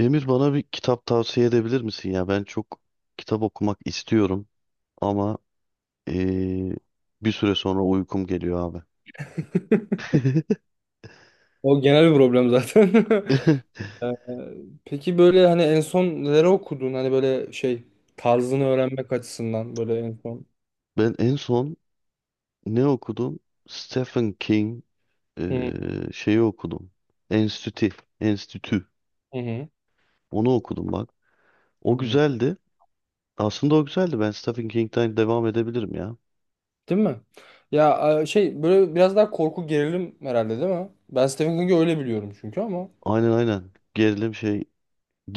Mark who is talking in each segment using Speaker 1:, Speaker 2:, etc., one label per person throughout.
Speaker 1: Emir, bana bir kitap tavsiye edebilir misin ya? Ben çok kitap okumak istiyorum ama eee, bir süre sonra uykum geliyor abi.
Speaker 2: O genel bir problem zaten. Ee, Peki böyle hani en son neleri okudun? Hani böyle şey tarzını öğrenmek açısından böyle en son.
Speaker 1: Ben en son ne okudum? Stephen King
Speaker 2: Hı
Speaker 1: şeyi okudum. Enstitü. Enstitü.
Speaker 2: hı hı.
Speaker 1: Onu okudum bak. O
Speaker 2: Hı.
Speaker 1: güzeldi. Aslında o güzeldi. Ben Stephen King'den devam edebilirim ya.
Speaker 2: Değil mi? Ya şey böyle biraz daha korku gerilim herhalde değil mi? Ben Stephen King'i öyle biliyorum çünkü ama.
Speaker 1: Aynen aynen. Gerilim şey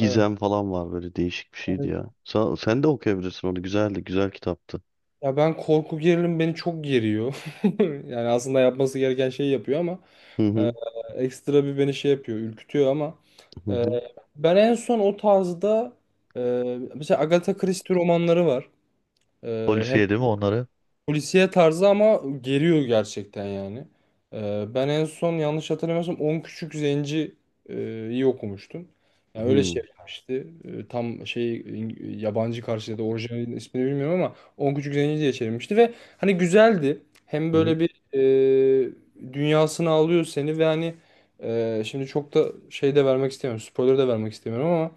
Speaker 2: Evet.
Speaker 1: falan var, böyle değişik bir şeydi
Speaker 2: Evet.
Speaker 1: ya. Sen de okuyabilirsin onu. Güzeldi. Güzel kitaptı.
Speaker 2: Ya ben korku gerilim beni çok geriyor. Yani aslında yapması gereken şeyi yapıyor ama
Speaker 1: Hı
Speaker 2: e,
Speaker 1: hı.
Speaker 2: ekstra bir beni şey yapıyor, ürkütüyor ama
Speaker 1: Hı
Speaker 2: Ee,
Speaker 1: hı.
Speaker 2: ben en son o tarzda mesela Agatha Christie romanları var. Hem
Speaker 1: Polisiye değil mi onları?
Speaker 2: polisiye tarzı ama geriyor gerçekten yani. Ben en son yanlış hatırlamıyorsam 10 Küçük Zenci'yi iyi okumuştum. Yani öyle
Speaker 1: Hmm.
Speaker 2: şey yapmıştı. Tam şey yabancı karşıya da orijinal ismini bilmiyorum ama 10 Küçük Zenci diye çevirmişti ve hani güzeldi. Hem
Speaker 1: Hı hı.
Speaker 2: böyle bir dünyasını alıyor seni ve hani şimdi çok da şey de vermek istemiyorum. Spoiler de vermek istemiyorum ama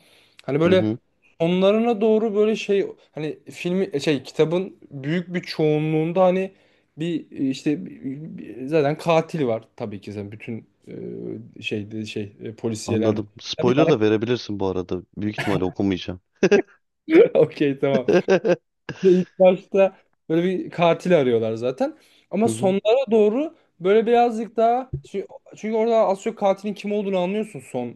Speaker 2: hani
Speaker 1: Hı
Speaker 2: böyle
Speaker 1: hı.
Speaker 2: onlarına doğru böyle şey hani filmi şey kitabın büyük bir çoğunluğunda hani bir işte zaten katil var tabii ki zaten bütün şeyde şey polisiyelerde.
Speaker 1: Anladım.
Speaker 2: Ya bir
Speaker 1: Spoiler
Speaker 2: tane
Speaker 1: da verebilirsin bu arada. Büyük ihtimalle okumayacağım.
Speaker 2: okey tamam. Ve ilk başta böyle bir katil arıyorlar zaten. Ama
Speaker 1: Hı hı.
Speaker 2: sonlara doğru böyle birazcık daha çünkü orada az çok katilin kim olduğunu anlıyorsun son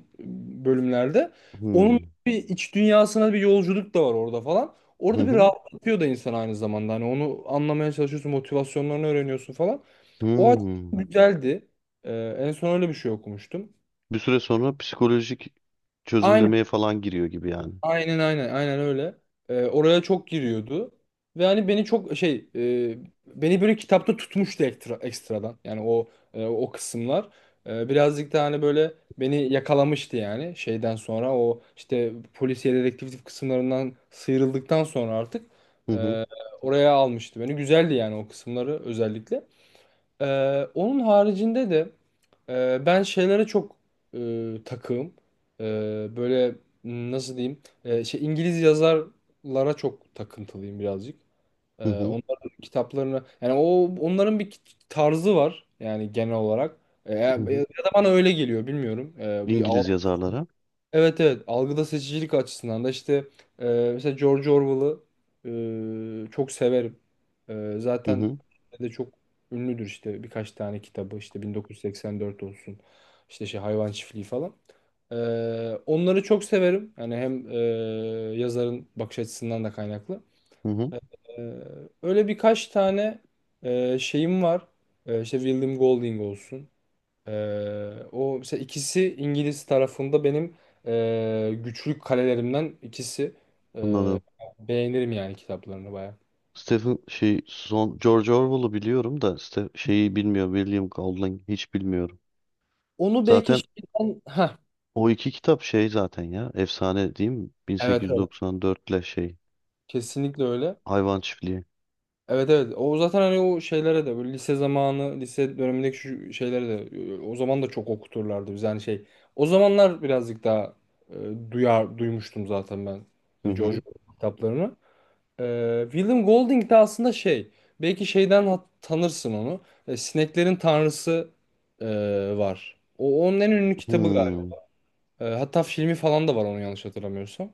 Speaker 2: bölümlerde. Onun
Speaker 1: Hmm.
Speaker 2: bir iç dünyasına bir yolculuk da var orada falan.
Speaker 1: Hı
Speaker 2: Orada bir
Speaker 1: hı.
Speaker 2: rahatlatıyor da insan aynı zamanda. Hani onu anlamaya çalışıyorsun, motivasyonlarını öğreniyorsun falan. O açıdan
Speaker 1: Hmm.
Speaker 2: güzeldi. En son öyle bir şey okumuştum.
Speaker 1: Bir süre sonra psikolojik
Speaker 2: Aynı
Speaker 1: çözümlemeye falan giriyor gibi yani.
Speaker 2: Aynen aynen aynen öyle. Oraya çok giriyordu. Ve hani beni çok şey beni böyle kitapta tutmuştu ekstra, ekstradan. Yani o o kısımlar. Birazcık da hani böyle beni yakalamıştı yani şeyden sonra o işte polisiye dedektif kısımlarından sıyrıldıktan sonra artık
Speaker 1: Hı hı.
Speaker 2: e, oraya almıştı beni. Güzeldi yani o kısımları özellikle. Onun haricinde de ben şeylere çok takığım. Böyle nasıl diyeyim? Şey İngiliz yazarlara çok takıntılıyım birazcık.
Speaker 1: Hı hı.
Speaker 2: Onların kitaplarını yani o onların bir tarzı var yani genel olarak. Ya
Speaker 1: Hı
Speaker 2: ya
Speaker 1: hı.
Speaker 2: da bana öyle geliyor bilmiyorum. Bir
Speaker 1: İngiliz yazarlara.
Speaker 2: Evet, evet, algıda seçicilik açısından da işte e, mesela George Orwell'ı çok severim.
Speaker 1: Hı
Speaker 2: Zaten
Speaker 1: hı.
Speaker 2: de çok ünlüdür işte birkaç tane kitabı, işte 1984 olsun, işte şey Hayvan Çiftliği falan. E, Onları çok severim. Yani hem yazarın bakış açısından da kaynaklı.
Speaker 1: Hı hı.
Speaker 2: E, Öyle birkaç tane şeyim var. İşte William Golding olsun. O mesela, ikisi İngiliz tarafında benim güçlü kalelerimden ikisi. Ee,
Speaker 1: Anladım.
Speaker 2: Beğenirim yani kitaplarını baya.
Speaker 1: Stephen şey son George Orwell'ı biliyorum da Ste şeyi bilmiyorum. William Golding hiç bilmiyorum.
Speaker 2: Onu belki
Speaker 1: Zaten
Speaker 2: şeyden... Heh,
Speaker 1: o iki kitap şey zaten ya, efsane değil mi?
Speaker 2: evet, evet.
Speaker 1: 1894 ile şey
Speaker 2: Kesinlikle öyle.
Speaker 1: Hayvan çiftliği.
Speaker 2: Evet, evet. O zaten hani o şeylere de böyle lise zamanı, lise dönemindeki şu şeylere de o zaman da çok okuturlardı biz. Yani şey o zamanlar birazcık daha duyar duymuştum zaten ben
Speaker 1: Hı
Speaker 2: George
Speaker 1: hı.
Speaker 2: Orwell kitaplarını. William Golding de aslında şey, belki şeyden tanırsın onu. Sineklerin Tanrısı e, var. O onun en ünlü kitabı galiba.
Speaker 1: Hmm.
Speaker 2: Hatta filmi falan da var onu yanlış hatırlamıyorsam.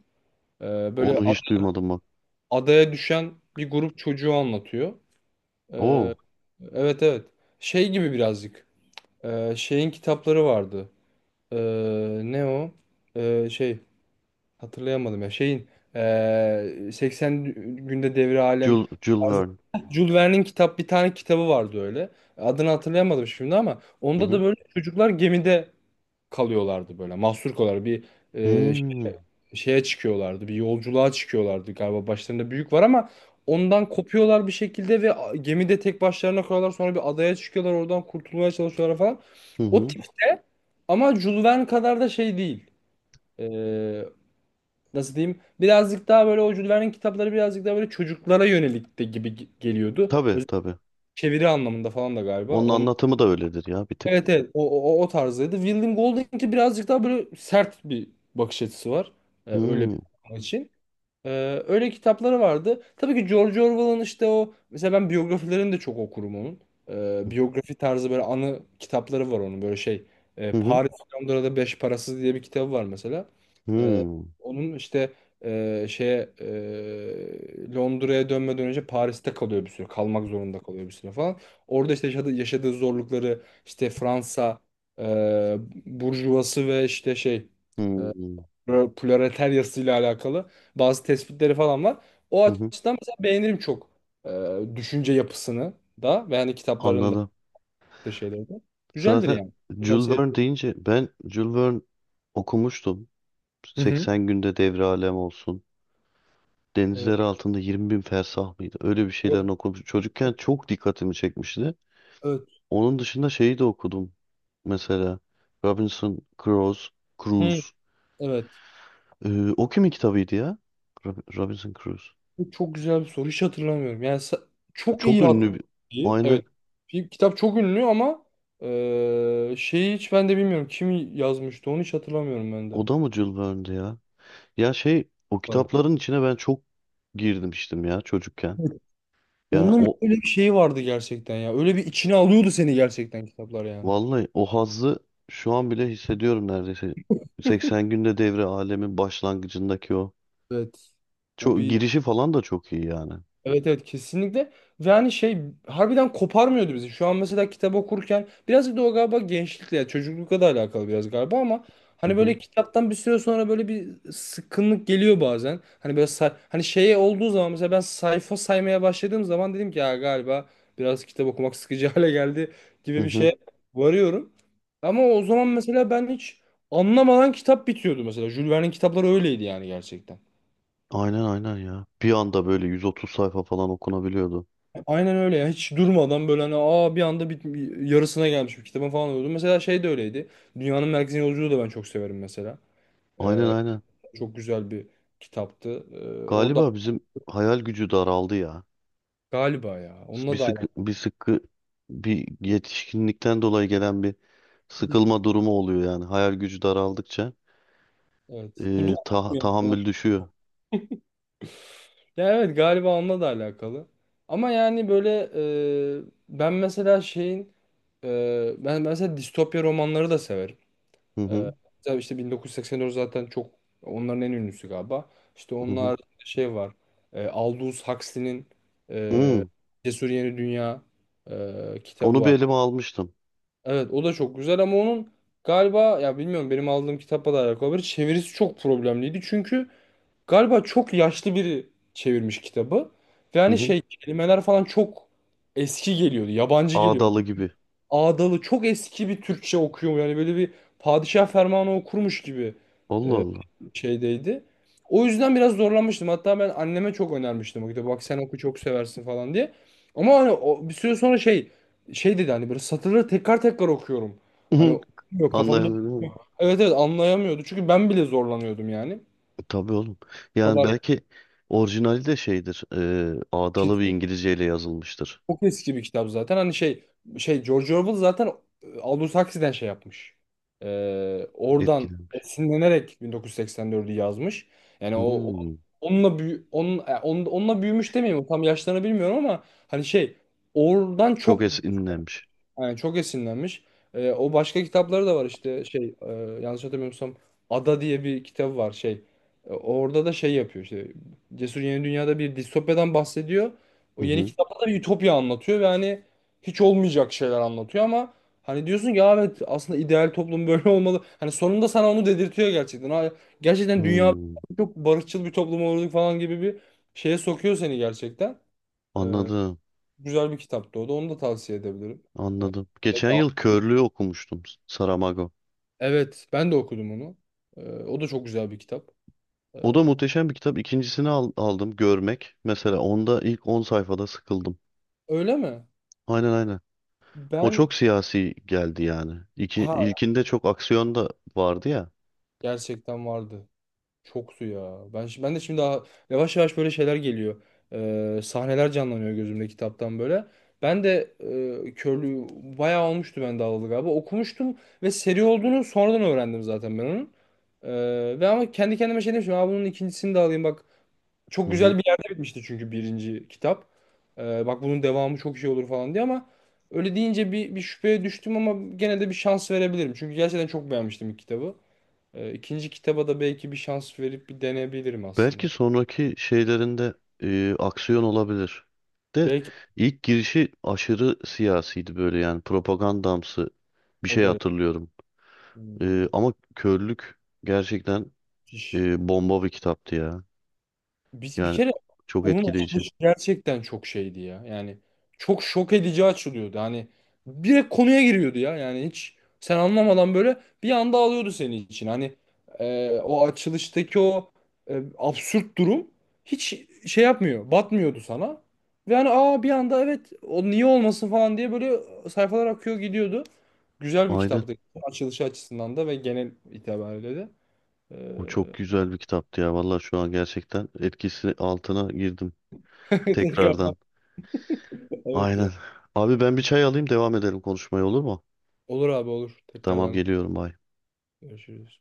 Speaker 2: E, böyle
Speaker 1: Onu
Speaker 2: ad-
Speaker 1: hiç duymadım bak.
Speaker 2: adaya düşen bir grup çocuğu anlatıyor. E,
Speaker 1: Oo.
Speaker 2: evet, evet. Şey gibi birazcık. Şeyin kitapları vardı. E, Ne o? Şey. Hatırlayamadım ya. Şeyin 80 günde devri alem
Speaker 1: Jules, Jules
Speaker 2: tarzı-
Speaker 1: Verne.
Speaker 2: Jules Verne'in bir tane kitabı vardı öyle. Adını hatırlayamadım şimdi ama
Speaker 1: Hı
Speaker 2: onda da
Speaker 1: hı.
Speaker 2: böyle çocuklar gemide kalıyorlardı böyle. Mahsur kalıyorlar. Bir eee,
Speaker 1: Hmm.
Speaker 2: ş- şeye çıkıyorlardı. Bir yolculuğa çıkıyorlardı galiba. Başlarında büyük var ama ondan kopuyorlar bir şekilde ve gemide tek başlarına kalıyorlar. Sonra bir adaya çıkıyorlar. Oradan kurtulmaya çalışıyorlar falan.
Speaker 1: Hı
Speaker 2: O
Speaker 1: hı.
Speaker 2: tip ama Jules Verne kadar da şey değil, nasıl diyeyim, birazcık daha böyle o Jules kitapları birazcık daha böyle çocuklara yönelik de gibi geliyordu.
Speaker 1: Tabii
Speaker 2: Özellikle
Speaker 1: tabii.
Speaker 2: çeviri anlamında falan da galiba.
Speaker 1: Onun
Speaker 2: Onun,
Speaker 1: anlatımı da öyledir ya, bir tık.
Speaker 2: evet, evet, o tarzdaydı. William Golding'inki birazcık daha böyle sert bir bakış açısı var. Öyle bir
Speaker 1: Hmm.
Speaker 2: adam için. Öyle kitapları vardı. Tabii ki George Orwell'ın işte o, mesela ben biyografilerini de çok okurum onun. Biyografi tarzı böyle anı kitapları var onun böyle şey.
Speaker 1: Hı hı.
Speaker 2: Paris Londra'da Beş Parasız diye bir kitabı var mesela. Ee,
Speaker 1: Hmm.
Speaker 2: Onun işte şeye Londra'ya dönmeden önce Paris'te kalıyor bir süre. Kalmak zorunda kalıyor bir süre falan. Orada işte yaşadığı zorlukları, işte Fransa e, burjuvası ve işte şey
Speaker 1: Hmm.
Speaker 2: proletaryasıyla alakalı bazı tespitleri falan var. O
Speaker 1: Hı hı.
Speaker 2: açıdan mesela beğenirim çok düşünce yapısını da, ve hani kitapların da
Speaker 1: Anladım.
Speaker 2: yaptığı şeyleri de. Güzeldir
Speaker 1: Zaten
Speaker 2: yani.
Speaker 1: Jules
Speaker 2: Tavsiye ederim.
Speaker 1: Verne deyince, ben Jules Verne okumuştum.
Speaker 2: Hı hı.
Speaker 1: 80 günde devre alem olsun.
Speaker 2: Evet.
Speaker 1: Denizler altında 20 bin fersah mıydı? Öyle bir şeylerin okumuş. Çocukken çok dikkatimi çekmişti.
Speaker 2: Evet.
Speaker 1: Onun dışında şeyi de okudum. Mesela Robinson Crusoe,
Speaker 2: Hı,
Speaker 1: Cruise.
Speaker 2: evet.
Speaker 1: O kimin kitabıydı ya? Robinson Crusoe.
Speaker 2: Bu çok güzel bir soru. Hiç hatırlamıyorum. Yani çok
Speaker 1: Çok
Speaker 2: iyi
Speaker 1: ünlü bir...
Speaker 2: hatırlıyorum.
Speaker 1: Aynı.
Speaker 2: Evet. Bir kitap çok ünlü ama şeyi hiç ben de bilmiyorum. Kim yazmıştı onu hiç hatırlamıyorum ben de.
Speaker 1: O da mı Jules Verne'di ya? Ya şey, o
Speaker 2: Bu arada.
Speaker 1: kitapların içine ben çok girmiştim ya çocukken. Yani
Speaker 2: Onun
Speaker 1: o,
Speaker 2: öyle bir şeyi vardı gerçekten ya. Öyle bir içine alıyordu seni gerçekten kitaplar yani.
Speaker 1: vallahi o hazzı şu an bile hissediyorum neredeyse. 80 günde devre alemin başlangıcındaki o.
Speaker 2: Evet. O
Speaker 1: Çok
Speaker 2: bir
Speaker 1: girişi falan da çok iyi yani.
Speaker 2: Evet, evet, kesinlikle. Ve hani şey harbiden koparmıyordu bizi. Şu an mesela kitap okurken biraz da o galiba gençlikle ya çocuklukla da alakalı biraz galiba ama
Speaker 1: Hı
Speaker 2: hani
Speaker 1: hı.
Speaker 2: böyle kitaptan bir süre sonra böyle bir sıkkınlık geliyor bazen. Hani böyle hani şeye olduğu zaman, mesela ben sayfa saymaya başladığım zaman dedim ki ya galiba biraz kitap okumak sıkıcı hale geldi
Speaker 1: Hı
Speaker 2: gibi bir
Speaker 1: hı.
Speaker 2: şeye varıyorum. Ama o zaman mesela ben hiç anlamadan kitap bitiyordu mesela. Jules Verne'in kitapları öyleydi yani gerçekten.
Speaker 1: Aynen aynen ya. Bir anda böyle 130 sayfa falan okunabiliyordu.
Speaker 2: Aynen öyle ya. Hiç durmadan böyle hani aa bir anda yarısına gelmiş bir kitabın falan oldu. Mesela şey de öyleydi. Dünyanın Merkezine Yolculuğu da ben çok severim mesela.
Speaker 1: Aynen
Speaker 2: Ee,
Speaker 1: aynen.
Speaker 2: Çok güzel bir kitaptı. Orada
Speaker 1: Galiba bizim hayal gücü daraldı ya.
Speaker 2: galiba ya.
Speaker 1: Bir
Speaker 2: Onunla da
Speaker 1: sıkı
Speaker 2: alakalı.
Speaker 1: bir sıkı, bir yetişkinlikten dolayı gelen bir
Speaker 2: Bir-
Speaker 1: sıkılma durumu oluyor yani. Hayal gücü daraldıkça
Speaker 2: evet. Bu da,
Speaker 1: tahammül düşüyor.
Speaker 2: ya, evet, galiba onunla da alakalı. Ama yani böyle e, ben mesela şeyin ben mesela distopya romanları da severim.
Speaker 1: Hı
Speaker 2: Ee,
Speaker 1: hı
Speaker 2: tabii işte 1984 zaten çok onların en ünlüsü galiba. İşte
Speaker 1: hı hı.
Speaker 2: onlar şey var. Aldous Huxley'nin
Speaker 1: Hmm,
Speaker 2: e, Cesur Yeni Dünya kitabı
Speaker 1: onu bir
Speaker 2: var.
Speaker 1: elime almıştım.
Speaker 2: Evet, o da çok güzel ama onun galiba, ya bilmiyorum, benim aldığım kitapla da alakalı olabilir. Çevirisi çok problemliydi çünkü galiba çok yaşlı biri çevirmiş kitabı. Ve
Speaker 1: Hı
Speaker 2: hani
Speaker 1: hı.
Speaker 2: şey kelimeler falan çok eski geliyordu. Yabancı geliyordu,
Speaker 1: Ağdalı gibi.
Speaker 2: ağdalı çok eski bir Türkçe okuyor. Yani böyle bir padişah fermanı okurmuş gibi
Speaker 1: Allah
Speaker 2: e,
Speaker 1: Allah.
Speaker 2: şeydeydi. O yüzden biraz zorlanmıştım. Hatta ben anneme çok önermiştim o kitabı. Bak sen oku çok seversin falan diye. Ama hani o, bir süre sonra şey dedi hani böyle satırları tekrar tekrar okuyorum. Hani yok kafamda.
Speaker 1: Anlayamıyorum.
Speaker 2: Evet, evet, anlayamıyordu. Çünkü ben bile zorlanıyordum yani.
Speaker 1: Tabii oğlum.
Speaker 2: O
Speaker 1: Yani
Speaker 2: kadar
Speaker 1: belki orijinali de şeydir. Ağdalı bir İngilizceyle yazılmıştır.
Speaker 2: çok eski bir kitap zaten. Hani şey George Orwell zaten Aldous Huxley'den şey yapmış. Oradan
Speaker 1: Etkilenmiş.
Speaker 2: esinlenerek 1984'ü yazmış. Yani
Speaker 1: Hmm.
Speaker 2: onunla onun, onunla büyümüş demeyeyim. Tam yaşlarını bilmiyorum ama hani şey oradan çok,
Speaker 1: Çok esinlenmiş.
Speaker 2: yani çok esinlenmiş. O başka kitapları da var işte şey yanlış hatırlamıyorsam Ada diye bir kitabı var şey. Orada da şey yapıyor, işte Cesur Yeni Dünya'da bir distopyadan bahsediyor.
Speaker 1: Hı
Speaker 2: O yeni
Speaker 1: hı.
Speaker 2: kitapta da bir ütopya anlatıyor ve hani hiç olmayacak şeyler anlatıyor ama hani diyorsun ki "Ya evet aslında ideal toplum böyle olmalı." Hani sonunda sana onu dedirtiyor gerçekten. Ha, gerçekten dünya
Speaker 1: Hmm.
Speaker 2: çok barışçıl bir toplum olurduk falan gibi bir şeye sokuyor seni gerçekten. Ee,
Speaker 1: Anladım.
Speaker 2: Güzel bir kitaptı o da, onu da tavsiye edebilirim.
Speaker 1: Anladım. Geçen
Speaker 2: Peki.
Speaker 1: yıl Körlüğü okumuştum. Saramago.
Speaker 2: Evet, ben de okudum onu. O da çok güzel bir kitap. Ee,
Speaker 1: O da muhteşem bir kitap. Aldım. Görmek. Mesela onda ilk 10 sayfada sıkıldım.
Speaker 2: Öyle mi?
Speaker 1: Aynen aynen. O
Speaker 2: Ben
Speaker 1: çok siyasi geldi yani. İki,
Speaker 2: ha,
Speaker 1: ilkinde çok aksiyon da vardı ya.
Speaker 2: gerçekten vardı. Çoktu ya. Ben ben de şimdi daha yavaş yavaş böyle şeyler geliyor. Sahneler canlanıyor gözümde kitaptan böyle. Ben de körlüğü bayağı olmuştu ben de alalı galiba. Okumuştum ve seri olduğunu sonradan öğrendim zaten ben onun. Ve ama kendi kendime şey demiştim. Aa, bunun ikincisini de alayım bak.
Speaker 1: Hı
Speaker 2: Çok
Speaker 1: hı.
Speaker 2: güzel bir yerde bitmişti çünkü birinci kitap. Bak bunun devamı çok şey olur falan diye ama öyle deyince bir şüpheye düştüm ama gene de bir şans verebilirim. Çünkü gerçekten çok beğenmiştim ilk kitabı. İkinci kitaba da belki bir şans verip bir deneyebilirim aslında.
Speaker 1: Belki sonraki şeylerinde aksiyon olabilir. De
Speaker 2: Belki
Speaker 1: ilk girişi aşırı siyasiydi, böyle yani propagandamsı bir
Speaker 2: o
Speaker 1: şey
Speaker 2: derece.
Speaker 1: hatırlıyorum.
Speaker 2: Hmm,
Speaker 1: Ama körlük gerçekten
Speaker 2: müthiş.
Speaker 1: bomba bir kitaptı ya.
Speaker 2: Biz bir
Speaker 1: Yani
Speaker 2: kere
Speaker 1: çok
Speaker 2: onun
Speaker 1: etkileyici.
Speaker 2: açılışı gerçekten çok şeydi ya. Yani çok şok edici açılıyordu. Hani direkt konuya giriyordu ya. Yani hiç sen anlamadan böyle bir anda alıyordu senin için. Hani o açılıştaki o absürt durum hiç şey yapmıyor. Batmıyordu sana. Ve hani aa bir anda evet o niye olmasın falan diye böyle sayfalar akıyor gidiyordu. Güzel bir
Speaker 1: Aynen.
Speaker 2: kitaptı. Açılışı açısından da ve genel itibariyle de.
Speaker 1: O çok güzel bir kitaptı ya. Vallahi şu an gerçekten etkisi altına girdim.
Speaker 2: Tekrardan,
Speaker 1: Tekrardan.
Speaker 2: evet
Speaker 1: Aynen.
Speaker 2: ya.
Speaker 1: Abi, ben bir çay alayım, devam edelim konuşmaya, olur mu?
Speaker 2: Olur abi olur.
Speaker 1: Tamam,
Speaker 2: Tekrardan
Speaker 1: geliyorum. Bye.
Speaker 2: görüşürüz.